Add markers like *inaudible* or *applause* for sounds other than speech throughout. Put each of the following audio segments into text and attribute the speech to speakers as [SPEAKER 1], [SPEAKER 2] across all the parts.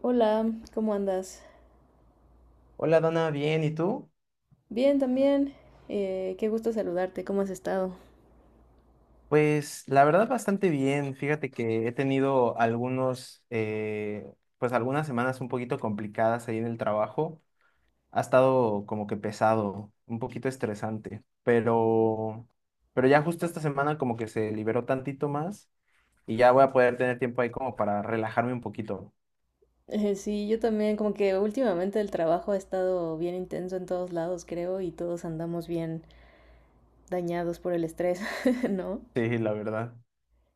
[SPEAKER 1] Hola, ¿cómo andas?
[SPEAKER 2] Hola Dana, bien, ¿y tú?
[SPEAKER 1] Bien, también. Qué gusto saludarte, ¿cómo has estado?
[SPEAKER 2] Pues la verdad bastante bien. Fíjate que he tenido algunos, pues algunas semanas un poquito complicadas ahí en el trabajo. Ha estado como que pesado, un poquito estresante, pero ya justo esta semana como que se liberó tantito más y ya voy a poder tener tiempo ahí como para relajarme un poquito. *laughs*
[SPEAKER 1] Sí, yo también, como que últimamente el trabajo ha estado bien intenso en todos lados, creo, y todos andamos bien dañados por el estrés, *laughs* ¿no?
[SPEAKER 2] Sí, la verdad.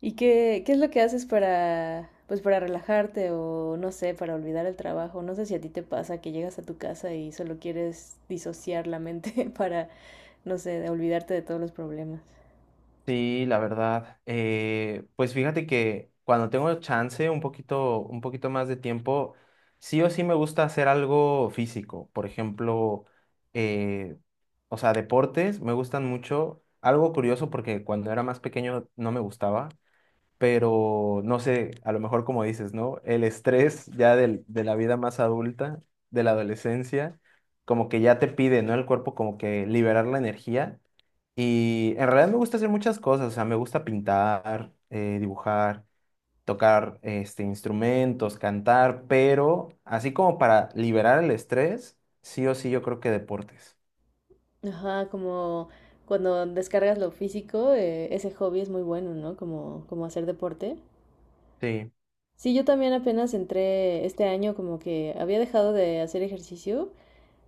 [SPEAKER 1] ¿Y qué es lo que haces para, pues, para relajarte o, no sé, para olvidar el trabajo? No sé si a ti te pasa que llegas a tu casa y solo quieres disociar la mente *laughs* para, no sé, olvidarte de todos los problemas.
[SPEAKER 2] Sí, la verdad. Pues fíjate que cuando tengo chance, un poquito más de tiempo, sí o sí me gusta hacer algo físico. Por ejemplo, eh, o sea, deportes me gustan mucho. Algo curioso porque cuando era más pequeño no me gustaba, pero no sé, a lo mejor como dices, ¿no? El estrés ya de la vida más adulta, de la adolescencia, como que ya te pide, ¿no? El cuerpo como que liberar la energía. Y en realidad me gusta hacer muchas cosas, o sea, me gusta pintar, dibujar, tocar este, instrumentos, cantar, pero así como para liberar el estrés, sí o sí yo creo que deportes.
[SPEAKER 1] Ajá, como cuando descargas lo físico, ese hobby es muy bueno, ¿no? Como hacer deporte.
[SPEAKER 2] Sí,
[SPEAKER 1] Sí, yo también apenas entré este año, como que había dejado de hacer ejercicio,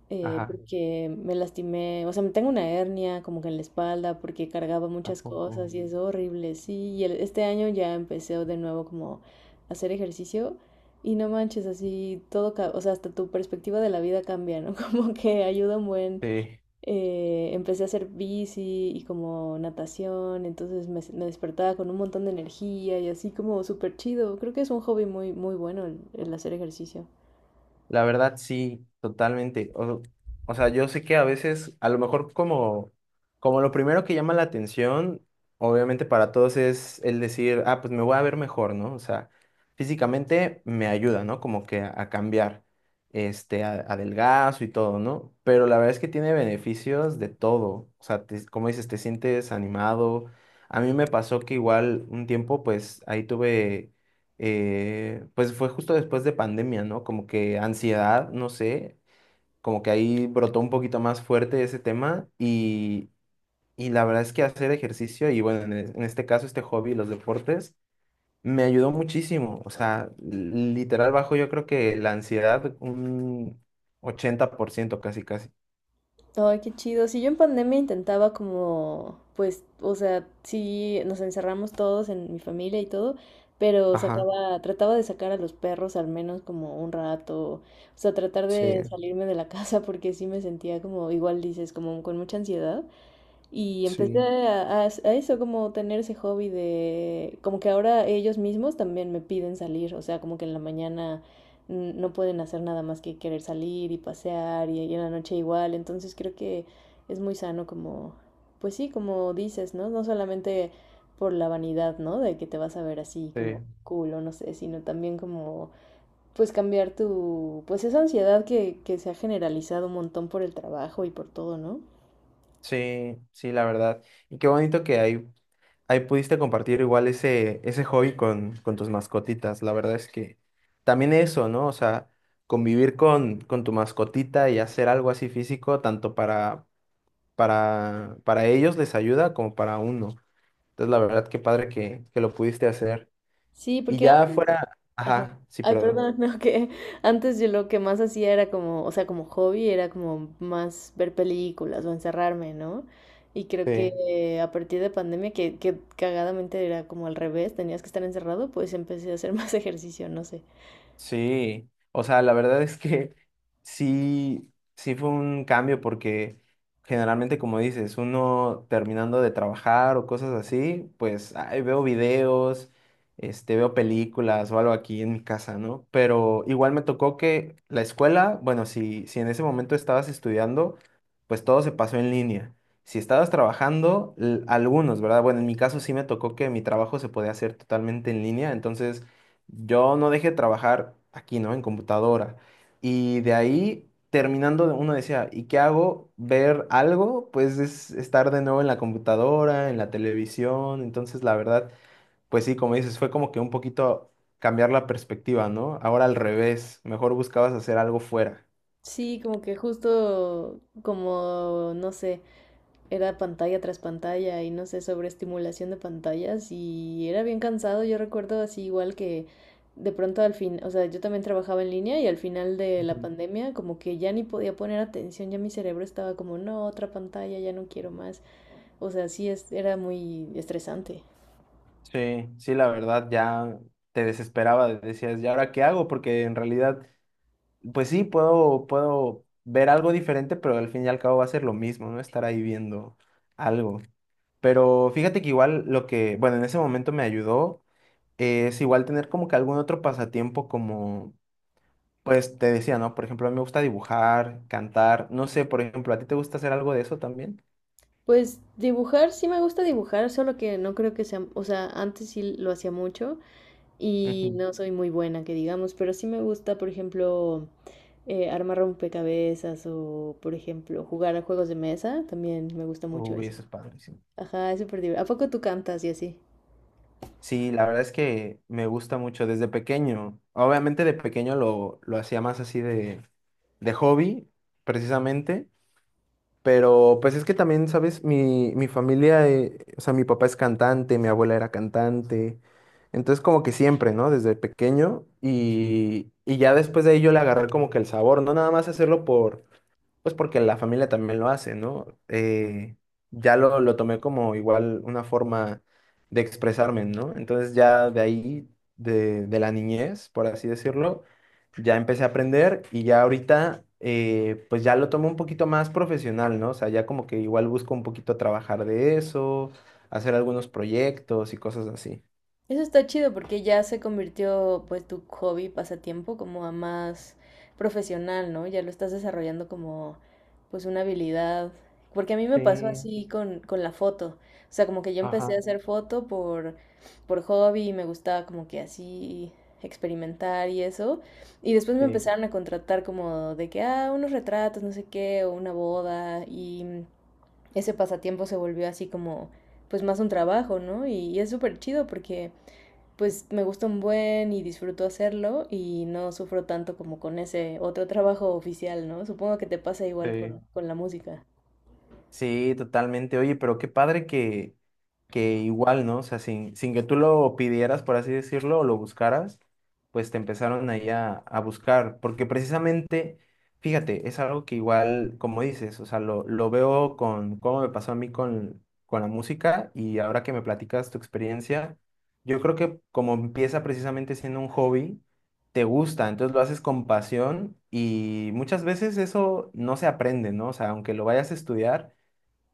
[SPEAKER 2] ajá,
[SPEAKER 1] porque me lastimé, o sea, me tengo una hernia como que en la espalda porque cargaba
[SPEAKER 2] ¿a
[SPEAKER 1] muchas cosas
[SPEAKER 2] poco?
[SPEAKER 1] y es horrible, sí. Y este año ya empecé de nuevo como a hacer ejercicio y no manches, así todo, o sea, hasta tu perspectiva de la vida cambia, ¿no? *laughs* Como que ayuda un buen.
[SPEAKER 2] Sí.
[SPEAKER 1] Empecé a hacer bici y como natación, entonces me despertaba con un montón de energía y así como súper chido. Creo que es un hobby muy, muy bueno el hacer ejercicio.
[SPEAKER 2] La verdad, sí, totalmente. O sea, yo sé que a veces, a lo mejor como lo primero que llama la atención, obviamente para todos es el decir, ah, pues me voy a ver mejor, ¿no? O sea, físicamente me ayuda, ¿no? Como que a cambiar, este, a, adelgazo y todo, ¿no? Pero la verdad es que tiene beneficios de todo. O sea, como dices, te sientes animado. A mí me pasó que igual un tiempo, pues ahí tuve, pues fue justo después de pandemia, ¿no? Como que ansiedad, no sé, como que ahí brotó un poquito más fuerte ese tema y la verdad es que hacer ejercicio y bueno, en este caso este hobby, los deportes, me ayudó muchísimo, o sea, literal bajo yo creo que la ansiedad un 80% casi, casi.
[SPEAKER 1] Ay, qué chido. Si yo en pandemia intentaba como, pues, o sea, sí, nos encerramos todos en mi familia y todo, pero
[SPEAKER 2] Ajá,
[SPEAKER 1] trataba de sacar a los perros al menos como un rato, o sea, tratar
[SPEAKER 2] sí,
[SPEAKER 1] de salirme de la *laughs* casa porque sí me sentía como, igual dices, como con mucha ansiedad. Y empecé
[SPEAKER 2] sí.
[SPEAKER 1] a eso, como tener ese hobby de, como que ahora ellos mismos también me piden salir, o sea, como que en la mañana no pueden hacer nada más que querer salir y pasear y en la noche igual, entonces creo que es muy sano como, pues sí, como dices, ¿no? No solamente por la vanidad, ¿no? De que te vas a ver así como
[SPEAKER 2] Sí,
[SPEAKER 1] cool o no sé, sino también como, pues cambiar tu, pues esa ansiedad que se ha generalizado un montón por el trabajo y por todo, ¿no?
[SPEAKER 2] sí, sí, la verdad. Y qué bonito que hay ahí pudiste compartir igual ese hobby con tus mascotitas. La verdad es que también eso, ¿no? O sea, convivir con tu mascotita y hacer algo así físico, tanto para ellos les ayuda como para uno. Entonces, la verdad, qué padre que lo pudiste hacer.
[SPEAKER 1] Sí,
[SPEAKER 2] Y
[SPEAKER 1] porque
[SPEAKER 2] ya
[SPEAKER 1] antes…
[SPEAKER 2] fuera,
[SPEAKER 1] Ajá.
[SPEAKER 2] ajá, sí,
[SPEAKER 1] Ay,
[SPEAKER 2] perdón.
[SPEAKER 1] perdón, *laughs* no, que antes yo lo que más hacía era como, o sea, como hobby, era como más ver películas o encerrarme, ¿no? Y creo
[SPEAKER 2] Sí.
[SPEAKER 1] que, a partir de pandemia, que cagadamente era como al revés, tenías que estar encerrado, pues empecé a hacer más *laughs* ejercicio, no sé.
[SPEAKER 2] Sí, o sea, la verdad es que *laughs* sí, sí fue un cambio porque generalmente, como dices, uno terminando de trabajar o cosas así, pues ay, veo videos, este, veo películas o algo aquí en mi casa, ¿no? Pero igual me tocó que la escuela, bueno, si en ese momento estabas estudiando, pues todo se pasó en línea. Si estabas trabajando, algunos, ¿verdad? Bueno, en mi caso sí me tocó que mi trabajo se podía hacer totalmente en línea, entonces yo no dejé de trabajar aquí, ¿no? En computadora. Y de ahí, terminando, uno decía, ¿y qué hago? ¿Ver algo? Pues es estar de nuevo en la computadora, en la televisión. Entonces, la verdad, pues sí, como dices, fue como que un poquito cambiar la perspectiva, ¿no? Ahora al revés, mejor buscabas hacer algo fuera.
[SPEAKER 1] Sí, como que justo como, no sé, era pantalla tras pantalla y no sé, sobre estimulación de pantallas y era bien cansado, yo recuerdo así igual que de pronto al fin, o sea, yo también trabajaba en línea y al final de la
[SPEAKER 2] Ujú.
[SPEAKER 1] pandemia como que ya ni podía poner atención, ya mi cerebro estaba como, no, otra pantalla, ya no quiero más, o sea, sí era muy estresante.
[SPEAKER 2] Sí, sí, la verdad, ya te desesperaba, decías, ¿y ahora qué hago? Porque en realidad pues sí, puedo ver algo diferente, pero al fin y al cabo va a ser lo mismo, ¿no? Estar ahí viendo algo. Pero fíjate que igual lo que, bueno, en ese momento me ayudó, es igual tener como que algún otro pasatiempo como, pues te decía, ¿no? Por ejemplo, a mí me gusta dibujar, cantar, no sé, por ejemplo, ¿a ti te gusta hacer algo de eso también?
[SPEAKER 1] Pues dibujar, sí me gusta dibujar, solo que no creo que sea, o sea, antes sí lo hacía mucho y
[SPEAKER 2] Ujú.
[SPEAKER 1] no soy muy buena, que digamos, pero sí me gusta, por ejemplo, armar rompecabezas o, por ejemplo, jugar a juegos de mesa, también me gusta mucho
[SPEAKER 2] Uy,
[SPEAKER 1] eso.
[SPEAKER 2] eso es padrísimo.
[SPEAKER 1] Ajá, es súper divertido. ¿A poco tú cantas y así?
[SPEAKER 2] Sí, la verdad es que me gusta mucho desde pequeño. Obviamente de pequeño lo hacía más así de hobby, precisamente. Pero pues es que también, ¿sabes? Mi familia, o sea, mi papá es cantante, mi abuela era cantante. Entonces como que siempre, ¿no? Desde pequeño. Y ya después de ahí yo le agarré como que el sabor, no nada más hacerlo por, pues porque la familia también lo hace, ¿no? Ya lo tomé como igual una forma de expresarme, ¿no? Entonces ya de ahí, de la niñez, por así decirlo, ya empecé a aprender y ya ahorita, pues ya lo tomo un poquito más profesional, ¿no? O sea, ya como que igual busco un poquito trabajar de eso, hacer algunos proyectos y cosas así.
[SPEAKER 1] Eso está chido porque ya se convirtió pues tu hobby, pasatiempo, como a más profesional, ¿no? Ya lo estás desarrollando como pues una habilidad. Porque a mí me pasó
[SPEAKER 2] Sí,
[SPEAKER 1] así con la foto. O sea, como que yo empecé a
[SPEAKER 2] ajá,
[SPEAKER 1] hacer foto por hobby y me gustaba como que así experimentar y eso. Y después me
[SPEAKER 2] sí,
[SPEAKER 1] empezaron a contratar como de que, ah, unos retratos, no sé qué, o una boda. Y ese pasatiempo se volvió así como pues más un trabajo, ¿no? Y es súper chido porque pues me gusta un buen y disfruto hacerlo y no sufro tanto como con ese otro trabajo oficial, ¿no? Supongo que te pasa igual
[SPEAKER 2] sí.
[SPEAKER 1] con la música.
[SPEAKER 2] Sí, totalmente. Oye, pero qué padre que igual, ¿no? O sea, sin que tú lo pidieras, por así decirlo, o lo buscaras, pues te empezaron ahí a buscar. Porque precisamente, fíjate, es algo que igual, como dices, o sea, lo veo con cómo me pasó a mí con la música y ahora que me platicas tu experiencia, yo creo que como empieza precisamente siendo un hobby, te gusta, entonces lo haces con pasión y muchas veces eso no se aprende, ¿no? O sea, aunque lo vayas a estudiar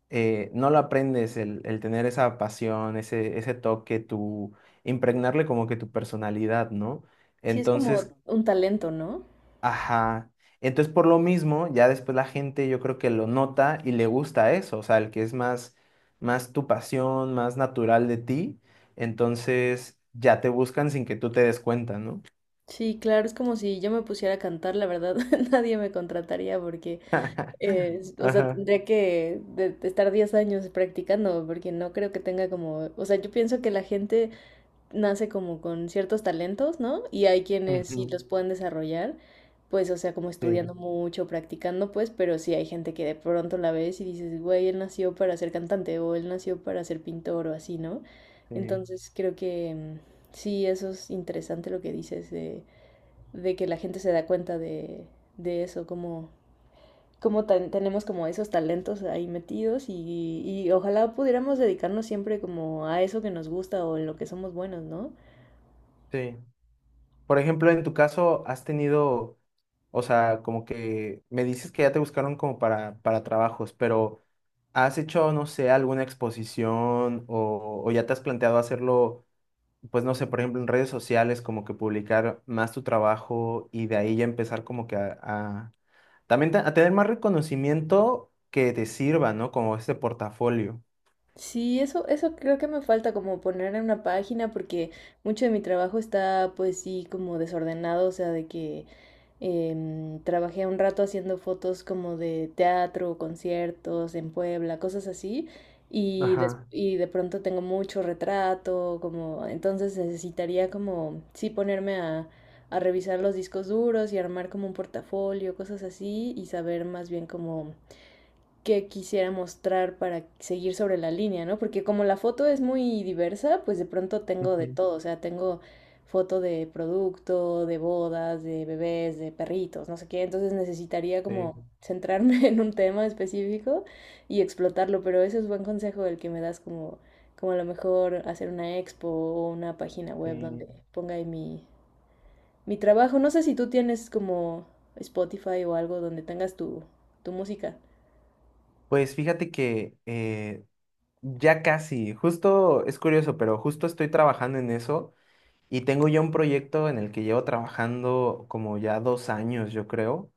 [SPEAKER 2] eh, no lo aprendes, el tener esa pasión, ese toque, tu impregnarle como que tu personalidad, ¿no?
[SPEAKER 1] Sí, es
[SPEAKER 2] Entonces,
[SPEAKER 1] como un talento, ¿no?
[SPEAKER 2] ajá. Entonces, por lo mismo, ya después la gente yo creo que lo nota y le gusta eso, o sea, el que es más tu pasión, más natural de ti, entonces ya te buscan sin que tú te des cuenta, ¿no?
[SPEAKER 1] Sí, claro, es como si yo me pusiera a cantar, la verdad, *laughs* nadie me contrataría porque,
[SPEAKER 2] *laughs*
[SPEAKER 1] o sea,
[SPEAKER 2] Ajá.
[SPEAKER 1] tendría que de estar 10 años practicando porque no creo que tenga como, o sea, yo pienso que la gente nace como con ciertos talentos, ¿no? Y hay quienes sí
[SPEAKER 2] Ujú.
[SPEAKER 1] los pueden desarrollar, pues, o sea, como
[SPEAKER 2] Sí,
[SPEAKER 1] estudiando mucho, practicando, pues, pero sí hay gente que de pronto la ves y dices, güey, él nació para ser cantante o él nació para ser pintor o así, ¿no?
[SPEAKER 2] sí,
[SPEAKER 1] Entonces creo que, sí, eso es interesante lo que dices de que la gente se da cuenta de eso, como, como tenemos como esos talentos ahí metidos y ojalá pudiéramos dedicarnos siempre como a eso que nos gusta o en lo que somos buenos, ¿no?
[SPEAKER 2] sí. Por ejemplo, en tu caso, has tenido, o sea, como que me dices que ya te buscaron como para trabajos, pero ¿has hecho, no sé, alguna exposición o ya te has planteado hacerlo, pues no sé, por ejemplo, en redes sociales, como que publicar más tu trabajo y de ahí ya empezar como que también a tener más reconocimiento que te sirva, ¿no? Como este portafolio.
[SPEAKER 1] Sí, eso creo que me falta como poner en una página porque mucho de mi trabajo está pues sí como desordenado, o sea, de que trabajé un rato haciendo fotos como de teatro, conciertos en Puebla, cosas así, y, des-
[SPEAKER 2] Ajá.
[SPEAKER 1] y de pronto tengo mucho retrato, como entonces necesitaría como sí ponerme a revisar los discos duros y armar como un portafolio, cosas así, y saber más bien como que quisiera mostrar para seguir sobre la línea, ¿no? Porque como la foto es muy diversa, pues de pronto tengo de
[SPEAKER 2] Ujú,
[SPEAKER 1] todo, o sea, tengo foto de producto, de bodas, de bebés, de perritos, no sé qué, entonces necesitaría
[SPEAKER 2] sí,
[SPEAKER 1] como centrarme *laughs* en un tema específico y explotarlo, pero ese es buen consejo el que me das como, como a lo mejor hacer una expo o una página web donde
[SPEAKER 2] sí.
[SPEAKER 1] ponga ahí mi, mi trabajo. No sé si tú tienes como Spotify o algo donde tengas tu, tu música.
[SPEAKER 2] Pues fíjate que ya casi, justo es curioso, pero justo estoy trabajando en eso y tengo ya un proyecto en el que llevo trabajando como ya 2 años, yo creo,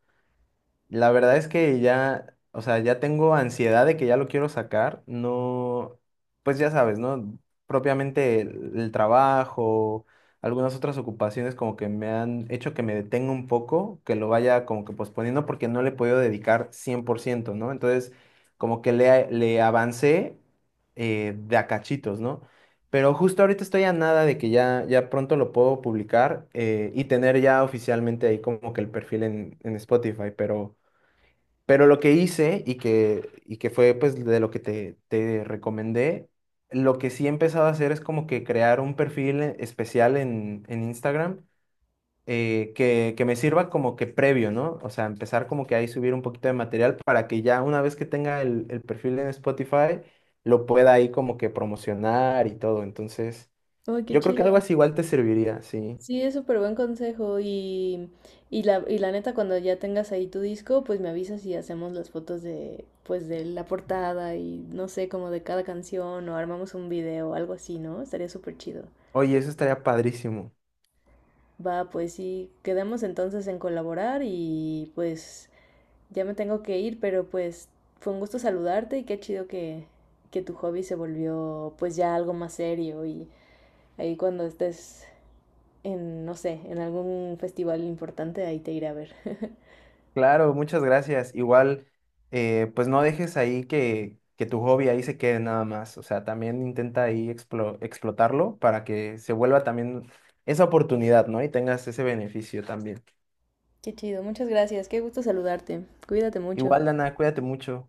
[SPEAKER 2] la verdad es que ya, o sea, ya tengo ansiedad de que ya lo quiero sacar. No, pues ya sabes, ¿no? Propiamente el trabajo, algunas otras ocupaciones como que me han hecho que me detenga un poco, que lo vaya como que posponiendo porque no le he podido dedicar 100%, ¿no? Entonces, como que le avancé, de a cachitos, ¿no? Pero justo ahorita estoy a nada de que ya, ya pronto lo puedo publicar, y tener ya oficialmente ahí como que el perfil en Spotify, pero... Pero lo que hice y que fue pues de lo que te recomendé, lo que sí he empezado a hacer es como que crear un perfil especial en Instagram, que me sirva como que previo, ¿no? O sea, empezar como que ahí subir un poquito de material para que ya una vez que tenga el perfil en Spotify, lo pueda ahí como que promocionar y todo. Entonces,
[SPEAKER 1] Oh, qué
[SPEAKER 2] yo creo que algo
[SPEAKER 1] chido.
[SPEAKER 2] así igual te serviría, sí.
[SPEAKER 1] Sí, es súper buen consejo y la neta cuando ya tengas ahí tu disco, pues me avisas y hacemos las fotos pues de la portada y no sé, como de cada canción o armamos un video o algo así, ¿no? Estaría súper chido.
[SPEAKER 2] Oye, eso estaría padrísimo.
[SPEAKER 1] Va, pues sí, quedamos entonces en colaborar y pues ya me tengo que ir, pero pues fue un gusto saludarte y qué chido que tu hobby se volvió pues ya algo más serio y ahí cuando estés en, no sé, en algún festival importante, ahí te iré a ver. *laughs*
[SPEAKER 2] Claro, muchas gracias. Igual, pues no dejes ahí que tu hobby ahí se quede nada más. O sea, también intenta ahí explotarlo para que se vuelva también esa oportunidad, ¿no? Y tengas ese beneficio también.
[SPEAKER 1] Qué chido, muchas gracias, qué gusto saludarte. Cuídate mucho.
[SPEAKER 2] Igual, Dana, cuídate mucho.